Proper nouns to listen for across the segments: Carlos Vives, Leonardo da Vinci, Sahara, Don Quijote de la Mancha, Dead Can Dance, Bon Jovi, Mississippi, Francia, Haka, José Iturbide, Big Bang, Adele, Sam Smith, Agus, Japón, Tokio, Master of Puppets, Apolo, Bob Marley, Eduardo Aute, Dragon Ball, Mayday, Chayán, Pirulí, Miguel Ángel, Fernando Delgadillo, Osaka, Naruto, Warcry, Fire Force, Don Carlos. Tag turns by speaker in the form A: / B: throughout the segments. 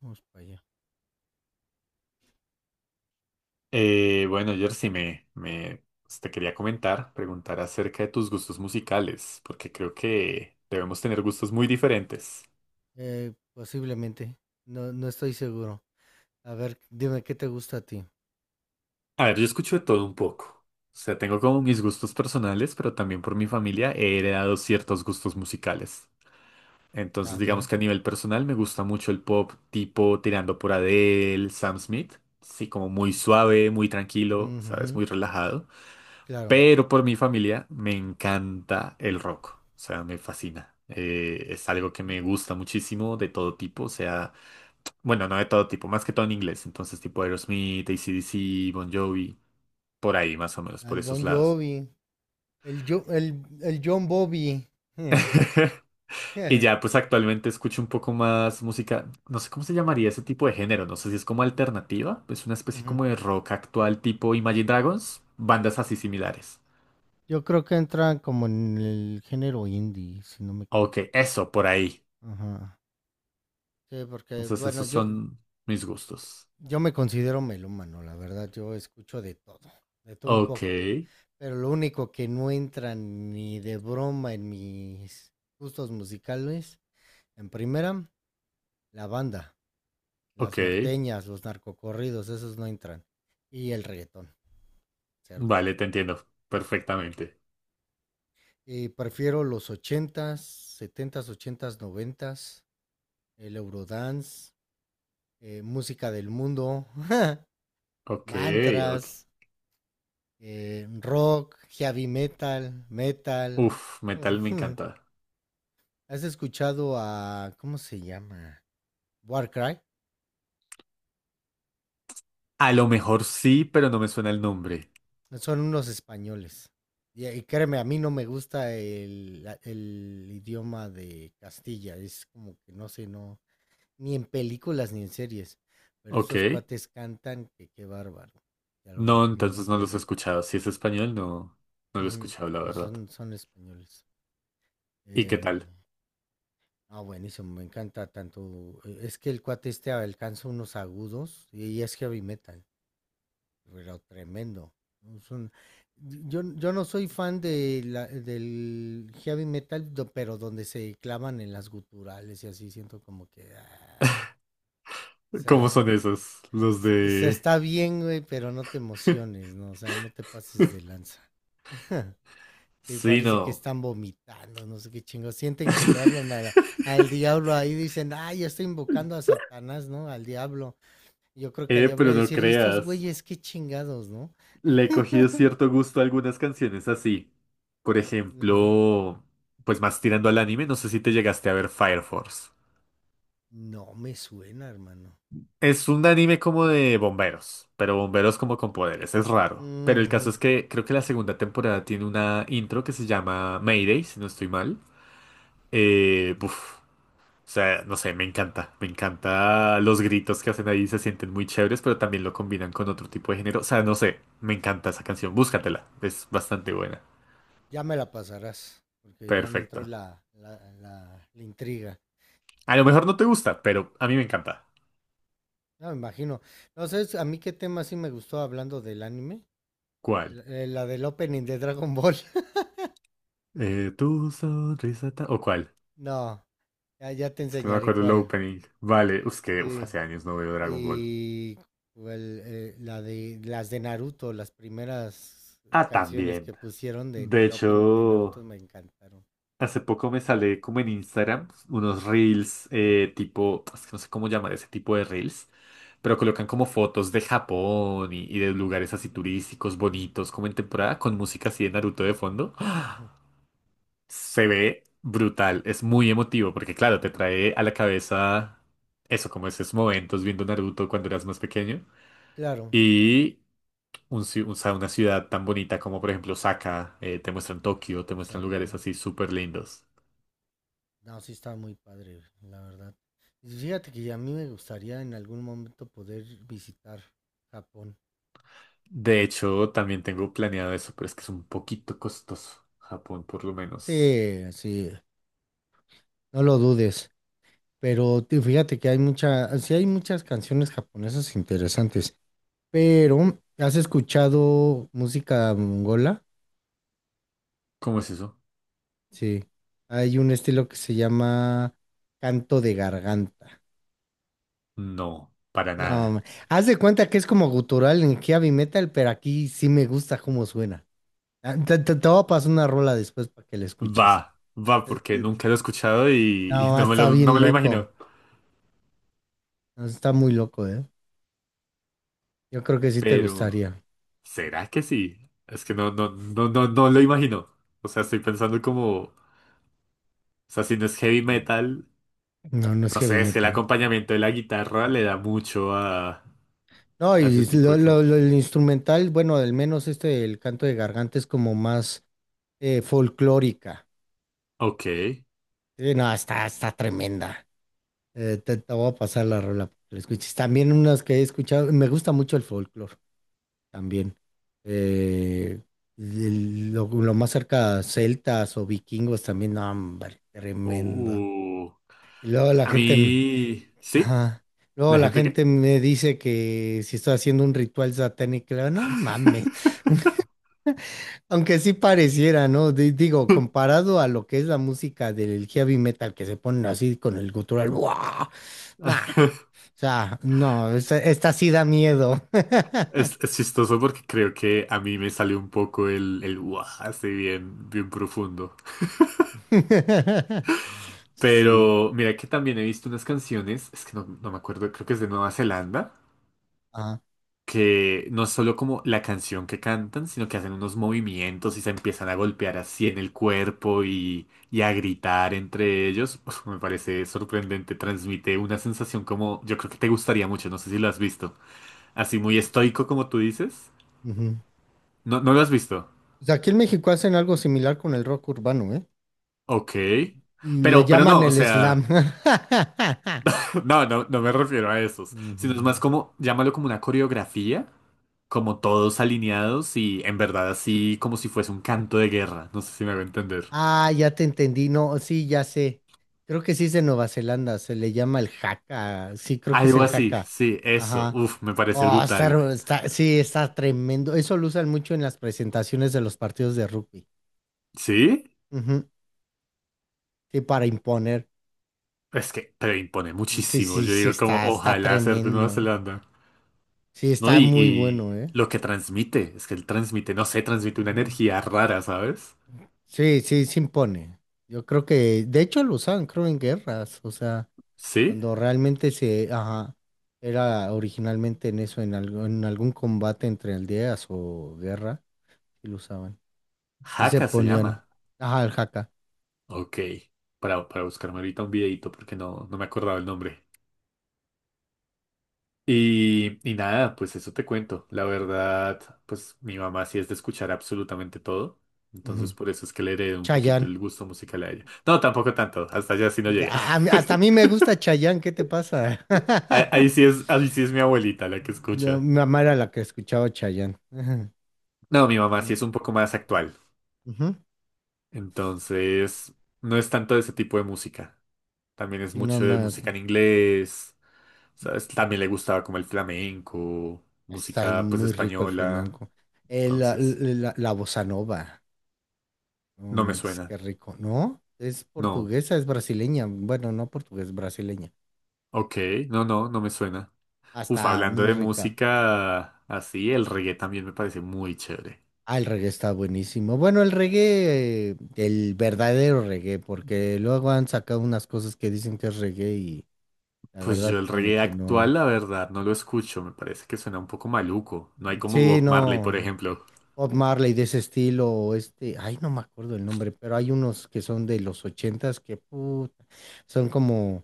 A: Vamos para allá.
B: Bueno, Jersey, te quería comentar, preguntar acerca de tus gustos musicales, porque creo que debemos tener gustos muy diferentes.
A: Posiblemente. No, no estoy seguro. A ver, dime qué te gusta a ti.
B: A ver, yo escucho de todo un poco. O sea, tengo como mis gustos personales, pero también por mi familia he heredado ciertos gustos musicales. Entonces,
A: A
B: digamos
A: ver.
B: que a nivel personal me gusta mucho el pop tipo tirando por Adele, Sam Smith. Sí, como muy suave, muy tranquilo, ¿sabes?
A: Ujú,
B: Muy relajado.
A: claro.
B: Pero por mi familia me encanta el rock, o sea, me fascina. Es algo que
A: Ujú.
B: me gusta muchísimo de todo tipo, o sea, bueno, no de todo tipo, más que todo en inglés, entonces tipo Aerosmith, AC/DC, Bon Jovi, por ahí más o menos, por
A: Al Bon
B: esos lados.
A: Jovi, el, Jo- el, el John Bobby.
B: Y ya, pues actualmente escucho un poco más música, no sé cómo se llamaría ese tipo de género, no sé si es como alternativa, es una especie
A: Ujú.
B: como de rock actual tipo Imagine Dragons, bandas así similares.
A: Yo creo que entra como en el género indie, si no me equivoco.
B: Ok, eso, por ahí.
A: Ajá. Sí, porque,
B: Entonces
A: bueno,
B: esos son mis gustos.
A: yo me considero melómano, la verdad. Yo escucho de todo un
B: Ok,
A: poco. Pero lo único que no entra ni de broma en mis gustos musicales, en primera, la banda,
B: ok.
A: las norteñas, los narcocorridos, esos no entran. Y el reggaetón, cero.
B: Vale, te entiendo perfectamente.
A: Y prefiero los ochentas, setentas, ochentas, noventas, el Eurodance, música del mundo,
B: Ok, ok.
A: mantras, rock, heavy metal, metal.
B: Uf, metal me encanta.
A: ¿Has escuchado a, ¿cómo se llama? Warcry.
B: A lo mejor sí, pero no me suena el nombre.
A: Son unos españoles. Y créeme, a mí no me gusta el idioma de Castilla. Es como que no sé, no, ni en películas ni en series. Pero
B: Ok.
A: esos cuates cantan que qué bárbaro. Ya los
B: No,
A: recomiendo
B: entonces no los he
A: ampliamente.
B: escuchado. Si es español, no, no lo he
A: Ujú,
B: escuchado, la
A: sí,
B: verdad.
A: son, son españoles.
B: ¿Y qué
A: Em,
B: tal?
A: ah, buenísimo, me encanta tanto. Es que el cuate este alcanza unos agudos y es heavy metal, pero tremendo. Es un- yo no soy fan de del heavy metal, pero donde se clavan en las guturales y así siento como que... ah, o
B: ¿Cómo
A: sea,
B: son esos? Los
A: o sea,
B: de...
A: está bien, güey, pero no te emociones, ¿no? O sea, no te pases de lanza. Sí,
B: Sí,
A: parece que
B: no.
A: están vomitando, no sé qué chingos. Sienten que le hablan al diablo ahí, dicen, ah, ya estoy invocando a Satanás, ¿no? Al diablo. Yo creo que al diablo
B: Pero
A: le
B: no
A: decir, ¿y estos
B: creas.
A: güeyes qué chingados, no?
B: Le he cogido cierto gusto a algunas canciones así. Por
A: Ujú.
B: ejemplo, pues más tirando al anime, no sé si te llegaste a ver Fire Force.
A: No me suena, hermano.
B: Es un anime como de bomberos, pero bomberos como con poderes, es raro. Pero el
A: Ujujú.
B: caso es que creo que la segunda temporada tiene una intro que se llama Mayday, si no estoy mal. Uf, o sea, no sé, me encanta los gritos que hacen ahí, se sienten muy chéveres, pero también lo combinan con otro tipo de género. O sea, no sé, me encanta esa canción, búscatela, es bastante buena.
A: Ya me la pasarás, porque ya me entró
B: Perfecto.
A: la intriga.
B: A lo mejor no te gusta, pero a mí me encanta.
A: No, me imagino. No sé, a mí qué tema sí me gustó hablando del anime. El
B: ¿Cuál?
A: La del opening de Dragon Ball.
B: Tu sonrisa ta- ¿O cuál?
A: No, ya te
B: Es que no me
A: enseñaré
B: acuerdo el
A: cuál.
B: opening. Vale, es que uf,
A: Sí.
B: hace años no veo Dragon Ball.
A: Y cuál, la de las de Naruto, las primeras
B: Ah,
A: canciones
B: también.
A: que pusieron
B: De
A: del opening de
B: hecho,
A: Naruto me encantaron.
B: hace poco me sale como en Instagram unos reels tipo, es que no sé cómo llamar ese tipo de reels, pero colocan como fotos de Japón y de lugares así turísticos, bonitos, como en temporada, con música así de Naruto de fondo. ¡Ah!
A: Ujú.
B: Se ve brutal, es muy emotivo, porque claro, te trae a la cabeza eso, como esos momentos viendo Naruto cuando eras más pequeño.
A: Claro.
B: Y un ci- o sea, una ciudad tan bonita como por ejemplo Osaka, te muestran Tokio, te muestran lugares
A: Osaka.
B: así súper lindos.
A: No, sí está muy padre, la verdad. Y fíjate que a mí me gustaría en algún momento poder visitar Japón.
B: De hecho, también tengo planeado eso, pero es que es un poquito costoso. Japón, por lo menos.
A: Sí, sí, no lo dudes. Fíjate que hay mucha, sí hay muchas canciones japonesas interesantes. Pero, ¿has escuchado música mongola?
B: ¿Cómo es eso?
A: Sí. Hay un estilo que se llama canto de garganta.
B: No, para
A: No,
B: nada.
A: ma-, haz de cuenta que es como gutural en heavy metal, pero aquí sí me gusta cómo suena. Ah, te voy a pasar una rola después para que la escuches.
B: Va, va,
A: Eh,
B: porque
A: eh,
B: nunca lo he escuchado y
A: No, está
B: no
A: bien
B: me lo
A: loco.
B: imagino.
A: No, está muy loco, ¿eh? Yo creo que sí te
B: Pero,
A: gustaría.
B: ¿será que sí? Es que no, no, no, no, no lo imagino. O sea, estoy pensando como, o sea, si no es heavy
A: Mm.
B: metal.
A: No, no es
B: No
A: heavy
B: sé, es que el
A: metal.
B: acompañamiento de la guitarra le da mucho
A: No,
B: a ese
A: y
B: tipo de cantos.
A: el instrumental, bueno, al menos este, el canto de garganta es como más folclórica.
B: Ok.
A: Sí, no, está, está tremenda. Te voy a pasar la rola para que la escuches. También unas que he escuchado, me gusta mucho el folclore también. Eh, lo más cerca, celtas o vikingos también, no, hombre, tremendo.
B: Uh.
A: Y luego la
B: A
A: gente me,
B: mí... ¿Sí?
A: ajá. Luego
B: ¿La
A: la
B: gente
A: gente
B: qué?
A: me dice que si estoy haciendo un ritual satánico, le digo, no mames. Aunque sí pareciera, ¿no? Digo, comparado a lo que es la música del heavy metal que se ponen así con el gutural, ¡guau! Nah, o sea, no, esta sí da miedo.
B: Es chistoso porque creo que a mí me sale un poco el "Uah", así bien, bien profundo.
A: Sí.
B: Pero mira que también he visto unas canciones, es que no, no me acuerdo, creo que es de Nueva Zelanda,
A: Ah,
B: que no es solo como la canción que cantan, sino que hacen unos movimientos y se empiezan a golpear así en el cuerpo y a gritar entre ellos. Uf, me parece sorprendente, transmite una sensación como yo creo que te gustaría mucho, no sé si lo has visto. Así muy estoico como tú dices. No, no lo has visto.
A: o sea, aquí en México hacen algo similar con el rock urbano, ¿eh?
B: Ok.
A: Le
B: Pero
A: llaman
B: no, o
A: el
B: sea,
A: slam.
B: no, no, no me refiero a esos, sino es
A: Ujú.
B: más como, llámalo como una coreografía, como todos alineados y en verdad así como si fuese un canto de guerra, no sé si me hago entender.
A: Ah, ya te entendí. No, sí, ya sé. Creo que sí es de Nueva Zelanda. Se le llama el haka. Sí, creo que es
B: Algo
A: el
B: así,
A: haka.
B: sí, eso.
A: Ajá.
B: Uf, me parece
A: Oh,
B: brutal.
A: sí, está tremendo. Eso lo usan mucho en las presentaciones de los partidos de rugby.
B: ¿Sí?
A: Ujú. Sí, para imponer.
B: Es que pero impone
A: Sí,
B: muchísimo.
A: sí,
B: Yo
A: sí,
B: digo como,
A: está
B: ojalá ser de Nueva
A: tremendo.
B: Zelanda.
A: Sí,
B: ¿No?
A: está muy
B: Y
A: bueno, ¿eh?
B: lo que transmite, es que él transmite, no sé, transmite una
A: Ujú.
B: energía rara, ¿sabes?
A: Sí, sí, se impone. Yo creo que, de hecho, lo usaban, creo, en guerras, o sea,
B: ¿Sí?
A: cuando realmente se, ajá, era originalmente en eso, en algo, en algún combate entre aldeas o guerra, sí lo usaban. Sí se
B: Haka se
A: ponían,
B: llama.
A: ajá, el jaca.
B: Ok. Para buscarme ahorita un videito porque no, no me acordaba el nombre. Y nada, pues eso te cuento. La verdad, pues mi mamá sí es de escuchar absolutamente todo.
A: Ujú.
B: Entonces por eso es que le heredé un poquito
A: Chayán.
B: el gusto musical a ella. No, tampoco tanto. Hasta allá sí no llega.
A: Hasta a mí me gusta Chayán, ¿qué te pasa?
B: Ahí, ahí sí es, ahí sí es mi abuelita la que
A: No,
B: escucha.
A: mi mamá era la que escuchaba Chayán.
B: No, mi mamá sí
A: Ujú.
B: es un poco más actual.
A: Ujú.
B: Entonces, no es tanto de ese tipo de música. También es
A: Sí, no
B: mucho de
A: más.
B: música en inglés. ¿Sabes? También le gustaba como el flamenco,
A: Está
B: música pues
A: muy rico el
B: española.
A: flamenco.
B: Entonces,
A: La bossa nova. No
B: no me
A: manches, qué
B: suena.
A: rico. No, es
B: No.
A: portuguesa, es brasileña. Bueno, no portugués, brasileña.
B: Ok, no, no, no me suena.
A: Ah,
B: Uf,
A: está
B: hablando
A: muy
B: de
A: rica.
B: música así, el reggae también me parece muy chévere.
A: Ah, el reggae está buenísimo. Bueno, el reggae, el verdadero reggae, porque luego han sacado unas cosas que dicen que es reggae y la
B: Pues yo
A: verdad
B: el
A: como
B: reggae
A: que
B: actual,
A: no.
B: la verdad, no lo escucho, me parece que suena un poco maluco. No hay como
A: Sí,
B: Bob Marley, por
A: no.
B: ejemplo.
A: Bob Marley de ese estilo, o este, ay, no me acuerdo el nombre, pero hay unos que son de los ochentas que puta, son como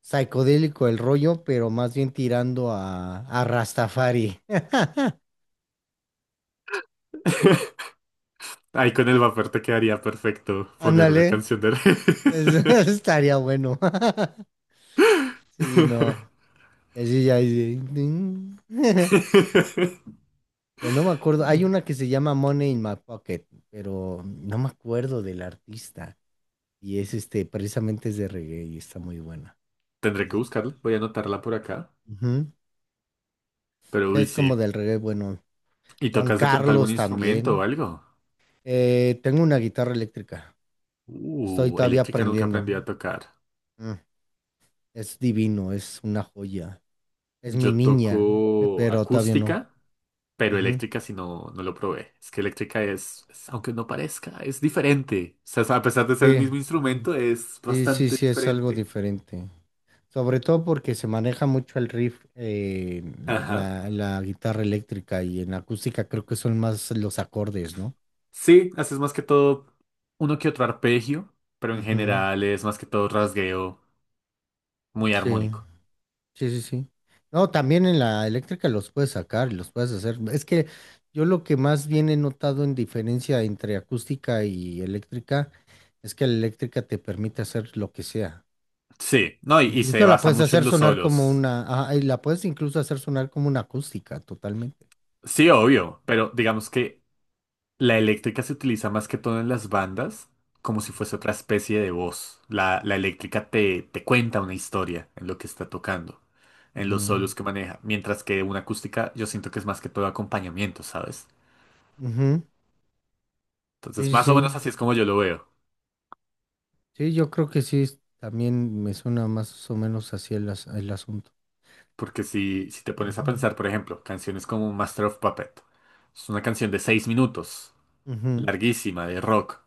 A: psicodélico el rollo, pero más bien tirando a Rastafari.
B: Ahí con el vapor te quedaría perfecto poner una
A: Ándale,
B: canción de reggae.
A: estaría bueno. Sí, no. Así ya, así, ding. Pero no me acuerdo. Hay una que se llama Money in My Pocket, pero no me acuerdo del artista. Y es este, precisamente es de reggae y está muy buena.
B: Tendré que
A: Es,
B: buscarla, voy a anotarla por acá.
A: ujú. Sí,
B: Pero uy,
A: es como
B: sí.
A: del reggae, bueno.
B: ¿Y
A: Don
B: tocas de pronto algún
A: Carlos
B: instrumento o
A: también.
B: algo?
A: Tengo una guitarra eléctrica. Estoy todavía
B: Eléctrica nunca
A: aprendiendo.
B: aprendí a tocar.
A: Mm. Es divino, es una joya. Es mi
B: Yo
A: niña,
B: toco
A: pero todavía no.
B: acústica, pero
A: Ujú.
B: eléctrica si no, no lo probé. Es que eléctrica aunque no parezca, es diferente. O sea, a pesar de ser el
A: Sí,
B: mismo
A: mm,
B: instrumento, es
A: sí, sí,
B: bastante
A: sí, es algo
B: diferente.
A: diferente. Sobre todo porque se maneja mucho el riff,
B: Ajá.
A: la guitarra eléctrica y en acústica creo que son más los acordes, ¿no?
B: Sí, haces más que todo uno que otro arpegio, pero en
A: Ujú,
B: general es más que todo rasgueo muy
A: sí.
B: armónico.
A: Sí, sí, sí. No, también en la eléctrica los puedes sacar, los puedes hacer. Es que yo lo que más bien he notado en diferencia entre acústica y eléctrica es que la eléctrica te permite hacer lo que sea.
B: Sí, no, y se
A: Incluso la
B: basa
A: puedes
B: mucho en
A: hacer
B: los
A: sonar como
B: solos.
A: una, ah, y la puedes incluso hacer sonar como una acústica totalmente.
B: Sí, obvio, pero digamos que la eléctrica se utiliza más que todo en las bandas, como si fuese otra especie de voz. La eléctrica te cuenta una historia en lo que está tocando, en los solos que maneja, mientras que una acústica yo siento que es más que todo acompañamiento, ¿sabes?
A: Ujú, ujú. Sí,
B: Entonces,
A: sí,
B: más o
A: sí.
B: menos así es como yo lo veo.
A: Sí, yo creo que sí, también me suena más o menos así el, el asunto.
B: Porque si, si te pones a
A: Ujú,
B: pensar, por ejemplo, canciones como Master of Puppet, es una canción de seis minutos
A: ujú.
B: larguísima de rock,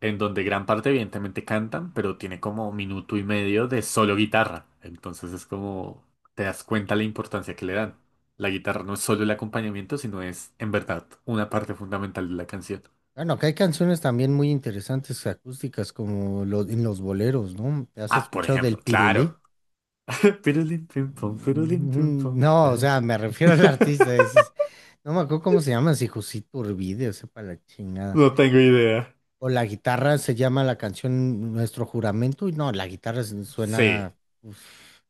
B: en donde gran parte evidentemente cantan, pero tiene como minuto y medio de solo guitarra. Entonces es como te das cuenta la importancia que le dan. La guitarra no es solo el acompañamiento, sino es en verdad una parte fundamental de la canción.
A: Bueno, acá hay canciones también muy interesantes acústicas como en los boleros, ¿no? ¿Te has
B: Ah, por
A: escuchado del
B: ejemplo,
A: Pirulí?
B: claro. Pirulín, pim,
A: Mm,
B: pum,
A: no, o
B: la,
A: sea, me refiero al artista, dices, no me acuerdo cómo se llama, si José Iturbide, o sea, para la chingada.
B: no tengo idea.
A: O la guitarra se llama la canción Nuestro Juramento, y no,
B: Sí.
A: suena uf,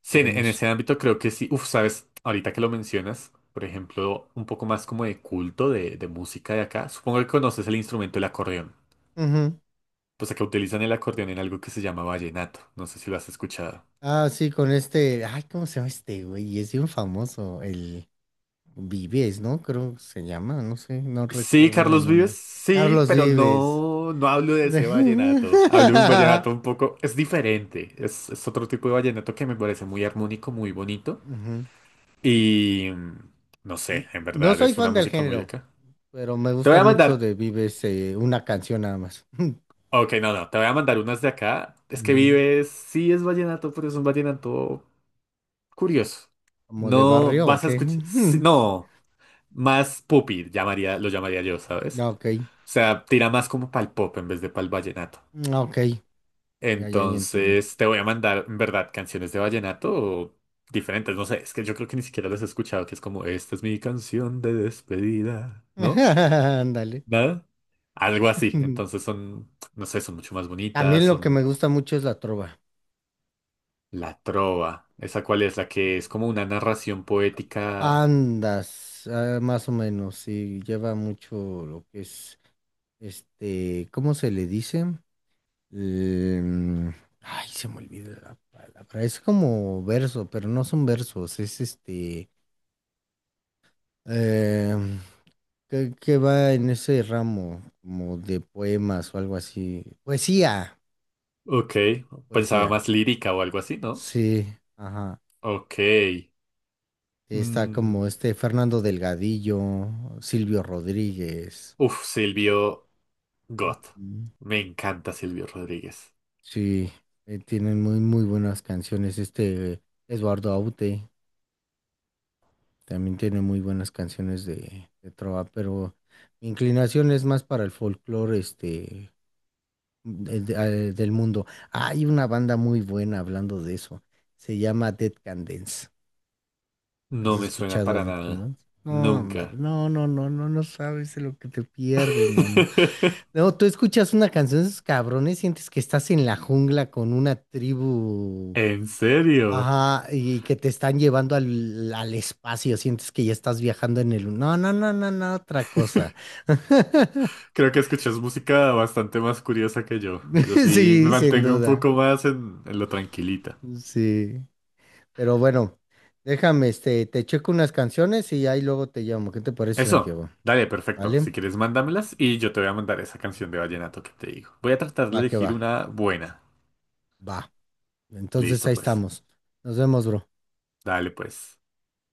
B: Sí, en
A: hermoso.
B: ese ámbito creo que sí. Uf, sabes, ahorita que lo mencionas, por ejemplo, un poco más como de culto de música de acá. Supongo que conoces el instrumento el acordeón.
A: Ujú.
B: Pues acá utilizan el acordeón en algo que se llama vallenato. No sé si lo has escuchado.
A: Ah, sí, con este, ay, ¿cómo se llama este güey? Es bien famoso, Vives, ¿no? Creo que se llama, no sé, no
B: Sí,
A: recuerdo bien el
B: Carlos Vives,
A: nombre.
B: sí,
A: Carlos
B: pero
A: Vives.
B: no, no hablo de ese
A: Ujú.
B: vallenato. Hablo de un vallenato un poco, es diferente. Es otro tipo de vallenato que me parece muy armónico, muy bonito. Y mm, no
A: N-
B: sé, en
A: No
B: verdad
A: soy
B: es una
A: fan del
B: música muy de
A: género,
B: acá.
A: pero me
B: Te voy
A: gusta
B: a
A: mucho
B: mandar
A: de Vives, una canción nada más.
B: Ok, no, no, te voy a mandar unas de acá. Es que
A: Ujú.
B: vives, sí es vallenato, pero es un vallenato curioso.
A: ¿Como de
B: No
A: barrio o
B: vas a
A: qué?
B: escuchar, sí, no, más pupi, llamaría, lo llamaría yo, ¿sabes?
A: Ah, ok.
B: O sea, tira más como pa'l pop en vez de pa'l vallenato.
A: Ah, ok, ya entiendo.
B: Entonces, te voy a mandar, en verdad, canciones de vallenato diferentes. No sé, es que yo creo que ni siquiera las he escuchado, que es como, esta es mi canción de despedida, ¿no?
A: Ándale.
B: ¿Nada? Algo así. Entonces son, no sé, son mucho más bonitas,
A: También lo que
B: son
A: me gusta mucho es la trova.
B: la Trova. ¿Esa cuál es? La que es como una narración poética.
A: Andas, ah, más o menos, sí, lleva mucho lo que es, este, ¿cómo se le dice? Em, Ay, se me olvida la palabra. Es como verso, pero no son versos, es este, em, que va en ese ramo, como de poemas o algo así.
B: Ok. Pensaba
A: Poesía,
B: más lírica o algo así, ¿no?
A: sí, ajá.
B: Ok.
A: Está
B: Mm,
A: como este Fernando Delgadillo, Silvio Rodríguez.
B: uf, Silvio Gott. Me encanta Silvio Rodríguez.
A: Sí, tienen muy, muy buenas canciones. Este Eduardo Aute también tiene muy buenas canciones de trova, pero mi inclinación es más para el folclore este, de- de- del mundo. Hay una banda muy buena hablando de eso. Se llama Dead Can Dance. ¿Has
B: No me suena
A: escuchado
B: para
A: Dead Can
B: nada.
A: Dance? No, hombre,
B: Nunca.
A: no, no, no, no, no sabes de lo que te pierdes, mano. No, tú escuchas una canción de esos cabrones, sientes que estás en la jungla con una tribu.
B: ¿En serio?
A: Ajá, y que te están llevando al espacio, sientes que ya estás viajando en el... No, no, no, no, no, otra cosa.
B: Creo que escuchas música bastante más curiosa que yo. Yo sí me
A: Sí, sin
B: mantengo un
A: duda.
B: poco más en lo tranquilita.
A: Sí. Pero bueno, déjame, este, te checo unas canciones y ahí luego te llamo. ¿Qué te parece,
B: Eso,
A: Santiago?
B: dale, perfecto.
A: ¿Vale?
B: Si quieres, mándamelas y yo te voy a mandar esa canción de vallenato que te digo. Voy a tratar de
A: Va que
B: elegir
A: va.
B: una buena.
A: Va. Entonces
B: Listo,
A: ahí
B: pues.
A: estamos. Nos vemos, bro.
B: Dale, pues.